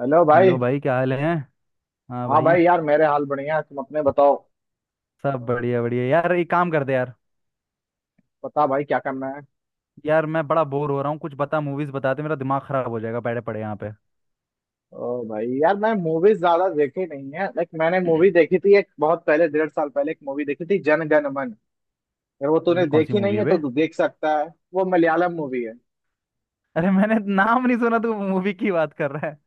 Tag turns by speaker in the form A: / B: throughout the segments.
A: Hello भाई।
B: Hello भाई, क्या हाल है। हाँ
A: हाँ
B: भाई।
A: भाई यार मेरे हाल बढ़िया है, तुम अपने बताओ।
B: सब बढ़िया बढ़िया यार, एक काम कर दे यार।
A: बता भाई क्या करना है।
B: यार मैं बड़ा बोर हो रहा हूँ, कुछ बता मूवीज बताते, मेरा दिमाग खराब हो जाएगा बैठे पड़े यहाँ पे।
A: ओ भाई यार मैं मूवीज ज्यादा देखी नहीं है। लाइक मैंने मूवी देखी थी एक बहुत पहले, डेढ़ साल पहले एक मूवी देखी थी, जन गण मन। अगर वो तूने
B: ये कौन सी
A: देखी
B: मूवी
A: नहीं
B: है
A: है
B: बे।
A: तो तू देख सकता है। वो मलयालम मूवी है।
B: अरे मैंने नाम नहीं सुना, तू मूवी की बात कर रहा है।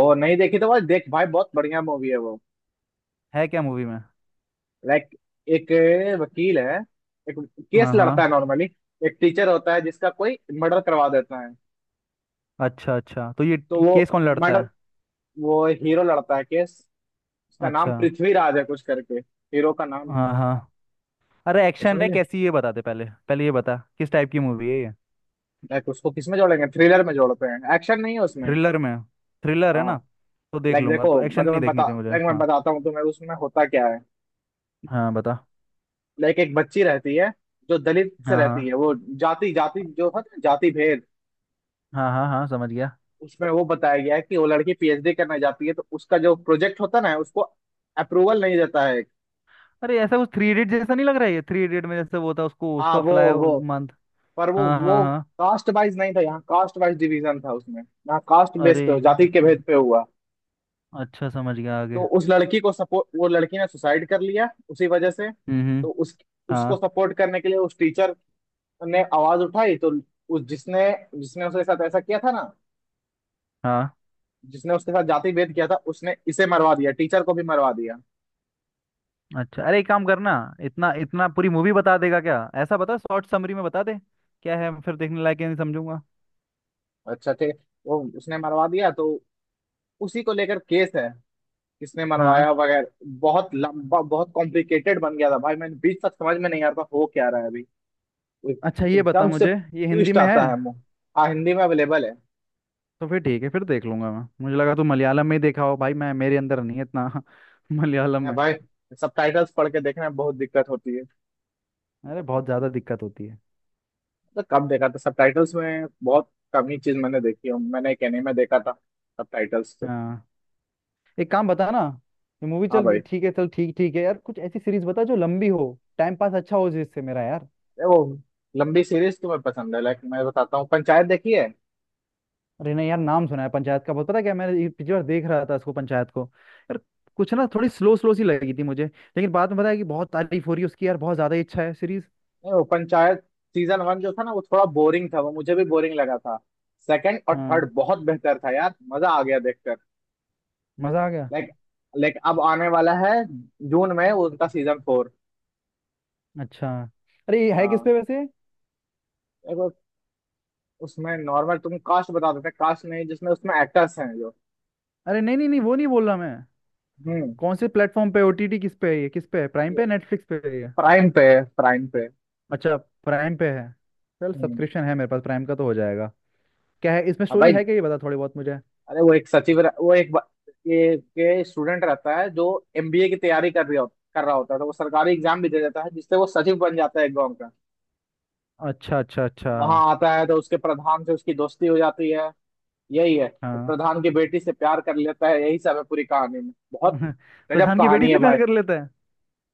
A: ओ नहीं देखी तो भाई देख भाई बहुत बढ़िया मूवी है वो।
B: है क्या मूवी में।
A: लाइक एक वकील है, एक केस
B: हाँ
A: लड़ता है
B: हाँ।
A: नॉर्मली। एक टीचर होता है जिसका कोई मर्डर करवा देता है।
B: अच्छा अच्छा, तो ये
A: तो
B: केस कौन लड़ता
A: मर्डर
B: है।
A: वो हीरो लड़ता है केस। उसका नाम
B: अच्छा।
A: पृथ्वीराज है कुछ करके। हीरो का नाम।
B: हाँ हाँ। अरे
A: तो
B: एक्शन है
A: समझे,
B: कैसी ये बता दे, पहले पहले ये बता किस टाइप की मूवी है ये।
A: लाइक उसको किसमें जोड़ेंगे, थ्रिलर में जोड़ते हैं, एक्शन नहीं है उसमें।
B: थ्रिलर में। थ्रिलर है
A: हाँ।
B: ना। तो देख
A: लाइक
B: लूंगा।
A: देखो,
B: तो
A: मतलब मैं
B: एक्शन नहीं
A: तुम्हें बता,
B: देखनी थी मुझे।
A: लाइक मैं
B: हाँ।
A: बताता हूँ तुम्हें उसमें होता क्या है।
B: हाँ बता।
A: लाइक एक बच्ची रहती है जो दलित से
B: हाँ
A: रहती है,
B: हाँ
A: वो जाति जाति जो है ना, जाति भेद।
B: हाँ। हाँ हाँ समझ गया।
A: उसमें वो बताया गया है कि वो लड़की पीएचडी करने जाती है तो उसका जो प्रोजेक्ट होता है ना उसको अप्रूवल नहीं देता है।
B: अरे ऐसा कुछ थ्री इडियट जैसा नहीं लग रहा है ये। थ्री इडियट में जैसे वो था उसको
A: हाँ
B: उसका
A: वो
B: फ्लाई
A: वो।
B: मंथ।
A: पर
B: हाँ हाँ
A: वो
B: हाँ।
A: कास्ट वाइज नहीं था यहाँ, कास्ट वाइज डिवीजन था उसमें, यहाँ कास्ट बेस
B: अरे।
A: पे जाति के
B: अच्छा।
A: भेद पे हुआ।
B: अच्छा समझ गया, आगे।
A: तो उस लड़की को सपोर्ट, वो लड़की ने सुसाइड कर लिया उसी वजह से।
B: हम्म।
A: तो उस, उसको
B: हाँ
A: सपोर्ट करने के लिए उस टीचर ने आवाज उठाई। तो उस जिसने, जिसने उसके साथ ऐसा किया था ना,
B: हाँ।
A: जिसने उसके साथ जाति भेद किया था, उसने इसे मरवा दिया, टीचर को भी मरवा दिया।
B: अच्छा, अरे एक काम करना। इतना इतना पूरी मूवी बता देगा क्या, ऐसा बता शॉर्ट समरी में बता दे। क्या है फिर देखने लायक है नहीं, समझूंगा।
A: अच्छा थे, वो उसने मरवा दिया तो उसी को लेकर केस है, किसने
B: हाँ।
A: मरवाया वगैरह। बहुत लंबा बहुत कॉम्प्लिकेटेड बन गया था भाई, मैंने बीच तक समझ में नहीं आता हो क्या रहा है अभी।
B: अच्छा, ये बता
A: एकदम से
B: मुझे, ये हिंदी
A: ट्विस्ट
B: में है।
A: आता है मुंह। हाँ, हिंदी में अवेलेबल है।
B: तो फिर ठीक है, फिर देख लूंगा मैं। मुझे लगा तू मलयालम में ही देखा हो, भाई मैं मेरे अंदर नहीं है इतना। मलयालम
A: नहीं
B: में।
A: भाई, सबटाइटल्स पढ़ के देखने में बहुत दिक्कत होती है।
B: अरे बहुत ज़्यादा दिक्कत होती है।
A: तो कम देखा था सबटाइटल्स में, बहुत कम ही चीज मैंने देखी है। मैंने एक एनीमे देखा था सबटाइटल्स से।
B: हाँ, एक काम बता ना। ये मूवी
A: हाँ भाई।
B: चल ठीक है, चल ठीक ठीक है यार। कुछ ऐसी सीरीज बता जो लंबी हो। टाइम पास अच्छा हो जिससे मेरा यार।
A: ये वो लंबी सीरीज तुम्हें पसंद है, लाइक मैं बताता हूँ, पंचायत देखी है।
B: अरे नहीं यार, नाम सुना है पंचायत का बहुत, पता है क्या मैंने, ये पिछली बार देख रहा था इसको पंचायत को। यार कुछ ना, थोड़ी स्लो स्लो सी लगी थी मुझे, लेकिन बाद में पता है कि बहुत तारीफ हो रही है उसकी यार, बहुत ज्यादा ही अच्छा है सीरीज।
A: नहीं, वो पंचायत सीजन वन जो था ना वो थोड़ा बोरिंग था, वो मुझे भी बोरिंग लगा था। सेकंड और
B: हाँ,
A: थर्ड बहुत बेहतर था यार, मजा आ गया देखकर।
B: मजा आ गया।
A: लाइक, लाइक अब आने वाला है जून में उनका सीजन फोर।
B: अच्छा, अरे ये है किस
A: हाँ।
B: पे वैसे।
A: एक वो, उसमें नॉर्मल तुम कास्ट बता देते हैं, कास्ट नहीं जिसमें, उसमें एक्टर्स हैं जो।
B: अरे नहीं नहीं नहीं, वो नहीं बोल रहा मैं।
A: हम्म
B: कौन से प्लेटफॉर्म पे, ओटीटी किस पे है, ये किस पे है, प्राइम
A: ये
B: पे नेटफ्लिक्स पे है ये।
A: प्राइम पे है, प्राइम पे।
B: अच्छा, प्राइम पे है। चल,
A: हम्म
B: सब्सक्रिप्शन है मेरे पास प्राइम का तो हो जाएगा। क्या है इसमें
A: अब
B: स्टोरी
A: भाई
B: है क्या, ये बता थोड़ी बहुत मुझे।
A: अरे वो एक सचिव रह- वो एक बा- ये के स्टूडेंट रहता है जो एमबीए की तैयारी कर रही हो, कर रहा होता है, तो वो सरकारी एग्जाम भी दे देता है जिससे वो सचिव बन जाता है एक गांव का।
B: अच्छा अच्छा अच्छा।
A: वहां आता है तो उसके प्रधान से उसकी दोस्ती हो जाती है। यही है, तो
B: हाँ
A: प्रधान की बेटी से प्यार कर लेता है, यही सब है पूरी कहानी में। बहुत गजब
B: प्रधान की बेटी
A: कहानी है
B: से प्यार
A: भाई,
B: कर लेता है।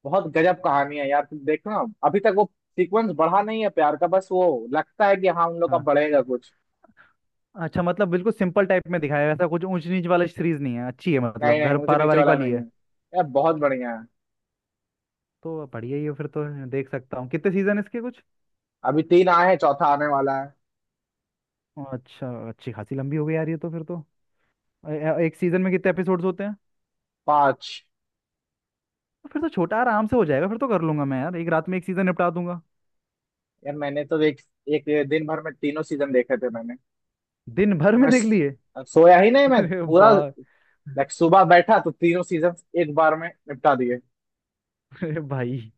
A: बहुत गजब कहानी है यार, तुम देखना। अभी तक वो सीक्वेंस बढ़ा नहीं है प्यार का, बस वो लगता है कि हाँ उन लोग का
B: हाँ
A: बढ़ेगा कुछ।
B: अच्छा, मतलब बिल्कुल सिंपल टाइप में दिखाया है, ऐसा कुछ ऊंच नीच वाला सीरीज नहीं है, अच्छी है
A: नहीं
B: मतलब
A: नहीं,
B: घर
A: मुझे नीचे
B: पारिवारिक
A: वाला
B: वाली
A: नहीं है,
B: है।
A: यार बहुत बढ़िया है।
B: तो बढ़िया ही है फिर तो। देख सकता हूँ, कितने सीजन इसके कुछ।
A: अभी तीन आए हैं, चौथा आने वाला है।
B: अच्छा, अच्छी खासी लंबी हो गई यार ये तो फिर तो। एक सीजन में कितने एपिसोड्स होते हैं।
A: पांच।
B: तो फिर तो छोटा आराम से हो जाएगा, फिर तो कर लूंगा मैं यार, एक रात में एक सीजन निपटा दूंगा।
A: यार मैंने तो एक, एक दिन भर में तीनों सीजन देखे थे मैंने।
B: दिन भर
A: तो
B: में देख लिए।
A: सोया ही नहीं मैं
B: अरे बा
A: पूरा। लाइक सुबह बैठा तो तीनों सीजन एक बार में निपटा दिए।
B: अरे भाई।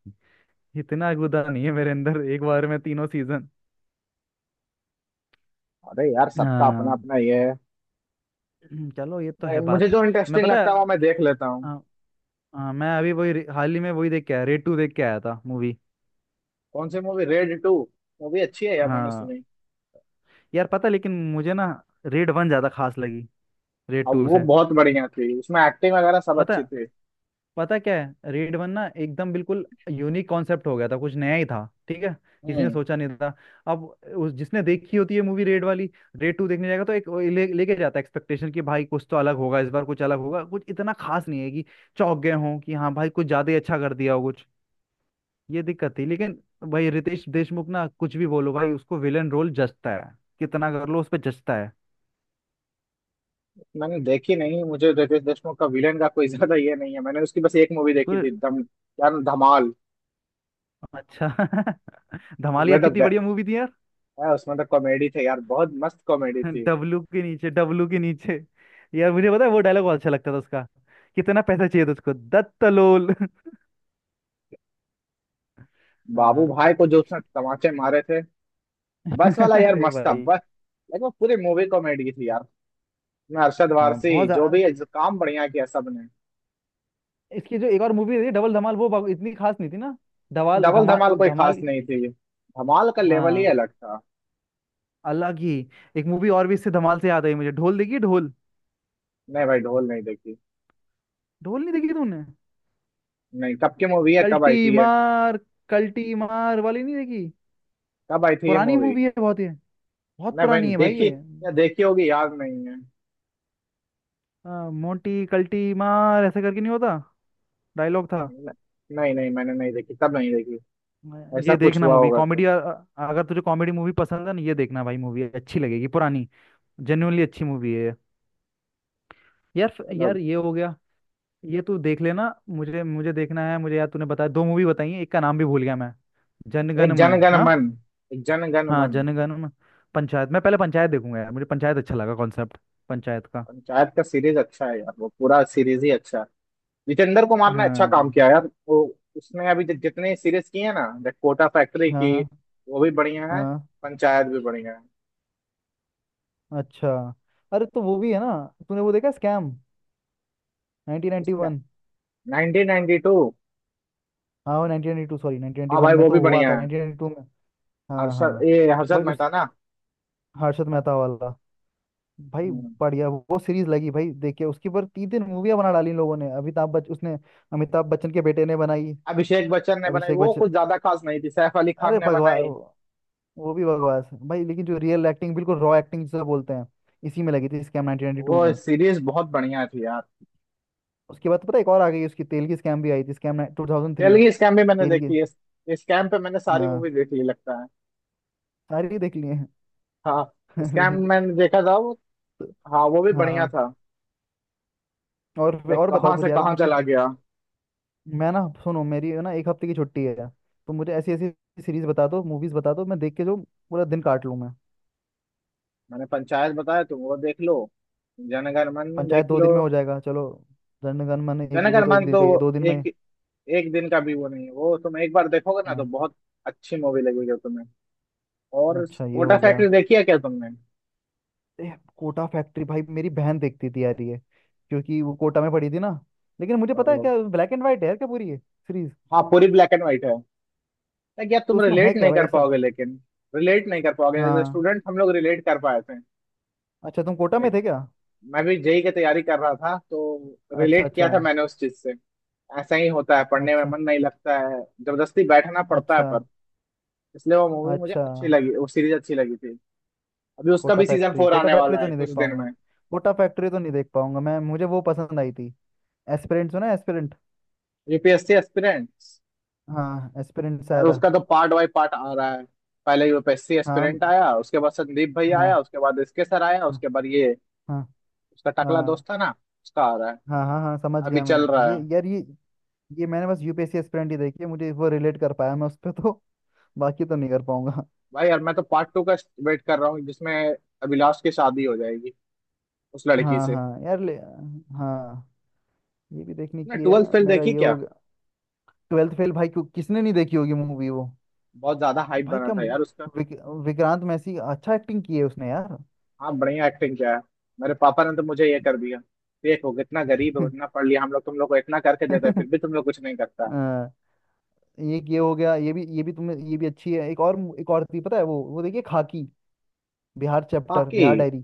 B: इतना गुदा नहीं है मेरे अंदर एक बार में तीनों सीजन।
A: अरे यार सबका अपना
B: हाँ,
A: अपना ये है।
B: चलो ये तो है बात।
A: मुझे जो
B: मैं,
A: इंटरेस्टिंग
B: पता है।
A: लगता है वो मैं देख लेता हूँ।
B: हाँ, हाँ, मैं अभी हाल ही में वही देख के आया, रेड टू देख के आया था मूवी।
A: कौन सी मूवी, रेड टू? मूवी अच्छी है यार, मैंने
B: हाँ।
A: सुनी।
B: यार पता है, लेकिन मुझे ना रेड वन ज्यादा खास लगी रेड
A: और
B: टू
A: वो
B: से।
A: बहुत बढ़िया थी, उसमें एक्टिंग वगैरह सब
B: पता
A: अच्छी
B: है।
A: थी।
B: पता है क्या है, रेड वन ना एकदम बिल्कुल यूनिक कॉन्सेप्ट हो गया था, कुछ नया ही था ठीक है। किसी ने
A: हम्म
B: सोचा नहीं था। अब उस जिसने देखी होती है मूवी रेड वाली, रेड टू देखने जाएगा तो एक वो लेके जाता है एक्सपेक्टेशन कि भाई कुछ तो अलग होगा इस बार, कुछ अलग होगा, कुछ इतना खास नहीं है कि चौंक गए हों कि हाँ भाई कुछ ज्यादा ही अच्छा कर दिया हो। ये दिक्कत थी लेकिन, भाई रितेश देशमुख ना, कुछ भी बोलो भाई उसको विलन रोल जचता है। कितना कर लो उस पे जचता है।
A: मैंने देखी नहीं, मुझे रितेश देशमुख का विलेन का कोई ज्यादा ये नहीं है। मैंने उसकी बस एक मूवी
B: तो
A: देखी थी, दम। यार धमाल,
B: अच्छा धमालिया
A: उसमें तो
B: कितनी बढ़िया मूवी थी यार।
A: गए, उसमें तो कॉमेडी थे यार, बहुत मस्त कॉमेडी थी।
B: डब्लू के नीचे, डब्लू के नीचे। यार मुझे पता है, वो डायलॉग बहुत अच्छा लगता था उसका। कितना पैसा चाहिए था उसको दत्तलोल।
A: बाबू
B: हाँ।
A: भाई को जो उसने तमाचे मारे थे, बस वाला यार
B: अरे
A: मस्त था
B: भाई।
A: बस। लेकिन वो पूरी मूवी कॉमेडी थी यार, उसमें अरशद
B: हाँ
A: वारसी
B: बहुत
A: जो
B: ज्यादा।
A: भी है, जो काम बढ़िया किया सबने।
B: इसकी जो एक और मूवी थी डबल धमाल वो इतनी खास नहीं थी ना। धमाल
A: डबल धमाल
B: धमाल
A: कोई खास
B: धमाल।
A: नहीं थी, धमाल का लेवल ही
B: हाँ,
A: अलग था।
B: अलग ही। एक मूवी और भी इससे धमाल से याद आई मुझे, ढोल देखिए ढोल।
A: नहीं भाई, ढोल नहीं देखी।
B: ढोल नहीं देखी तूने।
A: नहीं, कब की मूवी है, कब आई
B: कल्टी
A: थी ये?
B: मार। कल्टी मार वाली नहीं देखी।
A: कब आई थी ये
B: पुरानी
A: मूवी?
B: मूवी है बहुत ये। बहुत
A: नहीं भाई
B: पुरानी है भाई
A: देखी,
B: ये।
A: या देखी होगी याद नहीं है।
B: आ, मोटी कल्टी मार, ऐसे करके नहीं होता। डायलॉग था।
A: न- नहीं नहीं, मैंने नहीं देखी, तब नहीं देखी।
B: आ,
A: ऐसा
B: ये
A: कुछ
B: देखना
A: हुआ
B: मूवी
A: होगा
B: कॉमेडी,
A: तो।
B: अगर तुझे कॉमेडी मूवी पसंद है ना ये देखना भाई, मूवी अच्छी लगेगी पुरानी। जेन्युइनली अच्छी मूवी है ये। यार
A: चलो।
B: यार ये हो गया। ये तू देख लेना, मुझे मुझे देखना है मुझे यार, तूने बताया दो मूवी बताई है, एक का नाम भी भूल गया मैं। जनगण
A: एक
B: मन।
A: जनगण
B: हाँ।
A: मन, एक जनगण
B: हाँ
A: मन।
B: जनगण। पंचायत, मैं पहले पंचायत देखूंगा यार, मुझे पंचायत अच्छा लगा कॉन्सेप्ट पंचायत का।
A: पंचायत का सीरीज अच्छा है यार, वो पूरा सीरीज ही अच्छा है। जितेंद्र कुमार ने अच्छा काम
B: हाँ
A: किया यार। वो उसने अभी जितने सीरीज किए हैं ना, द कोटा फैक्ट्री
B: हाँ
A: की,
B: हाँ
A: वो भी बढ़िया है,
B: हाँ।
A: पंचायत भी बढ़िया है।
B: अच्छा, अरे तो वो भी है ना। तूने वो देखा स्कैम
A: उसका
B: 1991।
A: 1992।
B: हाँ वो 1992 सॉरी
A: हाँ
B: 1991
A: भाई
B: में
A: वो भी
B: तो हुआ
A: बढ़िया
B: था,
A: है।
B: 1992 में। हाँ
A: हर्षद,
B: हाँ।
A: ये हर्षद
B: भाई उस
A: मेहता ना।
B: हर्षद मेहता वाला। भाई
A: हम्म।
B: बढ़िया वो सीरीज लगी भाई, देखिए उसके ऊपर तीन तीन मूवियाँ बना डाली इन लोगों ने, अमिताभ बच्चन उसने। अमिताभ बच्चन के बेटे ने बनाई।
A: अभिषेक बच्चन ने बनाई
B: अभिषेक
A: वो
B: बच्चन।
A: कुछ ज्यादा खास नहीं थी, सैफ अली खान
B: अरे
A: ने
B: भगवान।
A: बनाई।
B: वो भी बकवास है भाई, लेकिन जो रियल एक्टिंग बिल्कुल रॉ एक्टिंग जिसे बोलते हैं, इसी में लगी थी स्कैम
A: वो
B: 1992 में।
A: सीरीज बहुत बढ़िया थी यार।
B: उसके बाद तो पता है, एक और आ गई उसकी तेल की, स्कैम भी आई थी स्कैम 2003।
A: तेलगी स्कैम भी मैंने
B: तेल की।
A: देखी है, स्कैम पे मैंने सारी मूवी
B: हाँ।
A: देख ली लगता है।
B: सारी देख लिए हैं।
A: हाँ
B: अरे।
A: स्कैम मैंने देखा था वो।
B: तो।
A: हाँ वो भी बढ़िया
B: हाँ।
A: था।
B: और
A: लाइक
B: और बताओ
A: कहाँ
B: कुछ
A: से
B: यार
A: कहाँ
B: मुझे
A: चला
B: कुछ-
A: गया।
B: मैं ना सुनो, मेरी है ना एक हफ्ते की छुट्टी है यार। तो मुझे ऐसी ऐसी सीरीज बता दो मूवीज बता दो, मैं देख के जो पूरा दिन काट लूँ मैं।
A: मैंने पंचायत बताया, तुम वो देख लो, जनगण मन
B: पंचायत
A: देख
B: दो
A: लो।
B: दिन में हो जाएगा चलो। जनगण मन एक
A: जनगण
B: वो तो एक
A: मन
B: दिन
A: तो
B: का ही
A: वो
B: है, 2 दिन
A: एक,
B: में।
A: एक दिन का भी वो नहीं है, वो तुम एक बार देखोगे ना तो
B: हाँ,
A: बहुत अच्छी मूवी लगेगी तुम्हें। और
B: अच्छा ये
A: कोटा
B: हो गया।
A: फैक्ट्री देखी है क्या तुमने?
B: ए, कोटा फैक्ट्री भाई, मेरी बहन देखती थी यार ये। क्योंकि वो कोटा में पड़ी थी ना। लेकिन मुझे पता है
A: ओ,
B: क्या, ब्लैक एंड व्हाइट है यार क्या पूरी ये सीरीज।
A: हाँ पूरी ब्लैक एंड व्हाइट है। लाइक यार
B: तो
A: तुम
B: उसमें है
A: रिलेट
B: क्या
A: नहीं
B: भाई
A: कर
B: ऐसा।
A: पाओगे लेकिन, रिलेट नहीं कर पाओगे। एज ए
B: हाँ,
A: स्टूडेंट हम लोग रिलेट कर पाए थे।
B: अच्छा तुम कोटा में
A: Like,
B: थे क्या।
A: मैं भी जेई की तैयारी कर रहा था तो
B: अच्छा
A: रिलेट
B: अच्छा
A: किया था मैंने उस चीज से। ऐसा ही होता है, पढ़ने में
B: अच्छा।
A: मन नहीं लगता है, जबरदस्ती बैठना पड़ता है
B: अच्छा
A: पर, इसलिए वो मूवी मुझे
B: अच्छा।
A: अच्छी लगी, वो सीरीज अच्छी लगी थी। अभी उसका
B: कोटा
A: भी सीजन
B: फैक्ट्री,
A: फोर
B: कोटा
A: आने
B: फैक्ट्री
A: वाला
B: तो
A: है
B: नहीं
A: कुछ
B: देख
A: दिन
B: पाऊंगा।
A: में।
B: कोटा फैक्ट्री तो नहीं देख पाऊंगा मैं, मुझे वो पसंद आई थी। एस्पिरेंट सुना है एस्पिरेंट।
A: UPSC aspirants.
B: हाँ, एस्पिरेंट से
A: यार
B: आया था।
A: उसका तो पार्ट बाय पार्ट आ रहा है। पहले यूपीएससी एस्पिरेंट
B: हाँ
A: आया, उसके बाद संदीप भाई
B: हाँ
A: आया, उसके बाद इसके सर आया,
B: हाँ
A: उसके बाद ये
B: हाँ।
A: उसका टकला
B: हाँ
A: दोस्त था ना, उसका आ रहा है,
B: हाँ हाँ हाँ, समझ
A: अभी
B: गया मैं।
A: चल रहा
B: ये
A: है।
B: यार ये मैंने बस यूपीएससी एस्पिरेंट ही देखी है, मुझे वो रिलेट कर पाया मैं उस पर तो। बाकी तो नहीं कर पाऊंगा।
A: भाई यार मैं तो पार्ट टू का वेट कर रहा हूँ, जिसमें अभिलाष की शादी हो जाएगी उस लड़की
B: हाँ
A: से।
B: हाँ यार ले। हाँ, ये भी देखने
A: ना,
B: की है,
A: ट्वेल्थ फेल
B: मेरा
A: देखी
B: ये हो
A: क्या?
B: गया। ट्वेल्थ फेल भाई, क्यों किसने नहीं देखी होगी मूवी वो।
A: बहुत ज्यादा हाइप
B: भाई
A: बना
B: क्या,
A: था यार उसका।
B: विक, विक्रांत मैसी अच्छा एक्टिंग की है उसने यार।
A: हाँ बढ़िया एक्टिंग किया है। मेरे पापा ने तो मुझे ये कर दिया, देखो कितना गरीब हो, इतना पढ़ लिया, हम लोग तुम लोग को इतना करके देते हैं, फिर भी तुम लोग कुछ नहीं करता।
B: हाँ, ये हो गया, ये भी तुम्हें ये भी अच्छी है। एक और थी, पता है वो देखिए खाकी बिहार चैप्टर,
A: आपकी।
B: बिहार डायरी।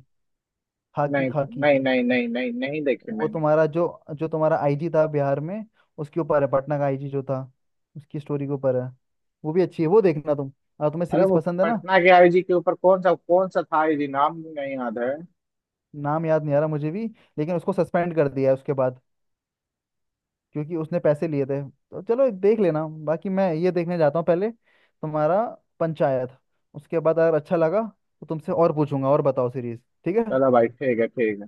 B: खाकी,
A: नहीं
B: खाकी।
A: नहीं नहीं नहीं नहीं नहीं देखी
B: वो
A: मैंने।
B: तुम्हारा जो, जो तुम्हारा आईजी था बिहार में, उसके ऊपर है। पटना का आईजी जो था, उसकी स्टोरी के ऊपर है। वो भी अच्छी है वो, देखना तुम। और तुम्हें
A: अरे
B: सीरीज
A: वो
B: पसंद है ना।
A: पटना के आईजी के ऊपर कौन सा, कौन सा था आईजी, नाम नहीं याद है।
B: नाम याद नहीं आ रहा मुझे भी, लेकिन उसको सस्पेंड कर दिया है उसके बाद, क्योंकि उसने पैसे लिए थे। तो चलो देख लेना बाकी, मैं ये देखने जाता हूँ पहले तुम्हारा पंचायत। उसके बाद अगर अच्छा लगा, तो तुमसे और पूछूंगा और बताओ सीरीज। ठीक है।
A: चलो भाई, ठीक है ठीक है।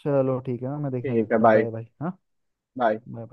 B: चलो ठीक है, मैं देखने जा
A: ठीक है,
B: रहा हूँ।
A: Bye
B: bye bye. हाँ।
A: बाय।
B: बाय।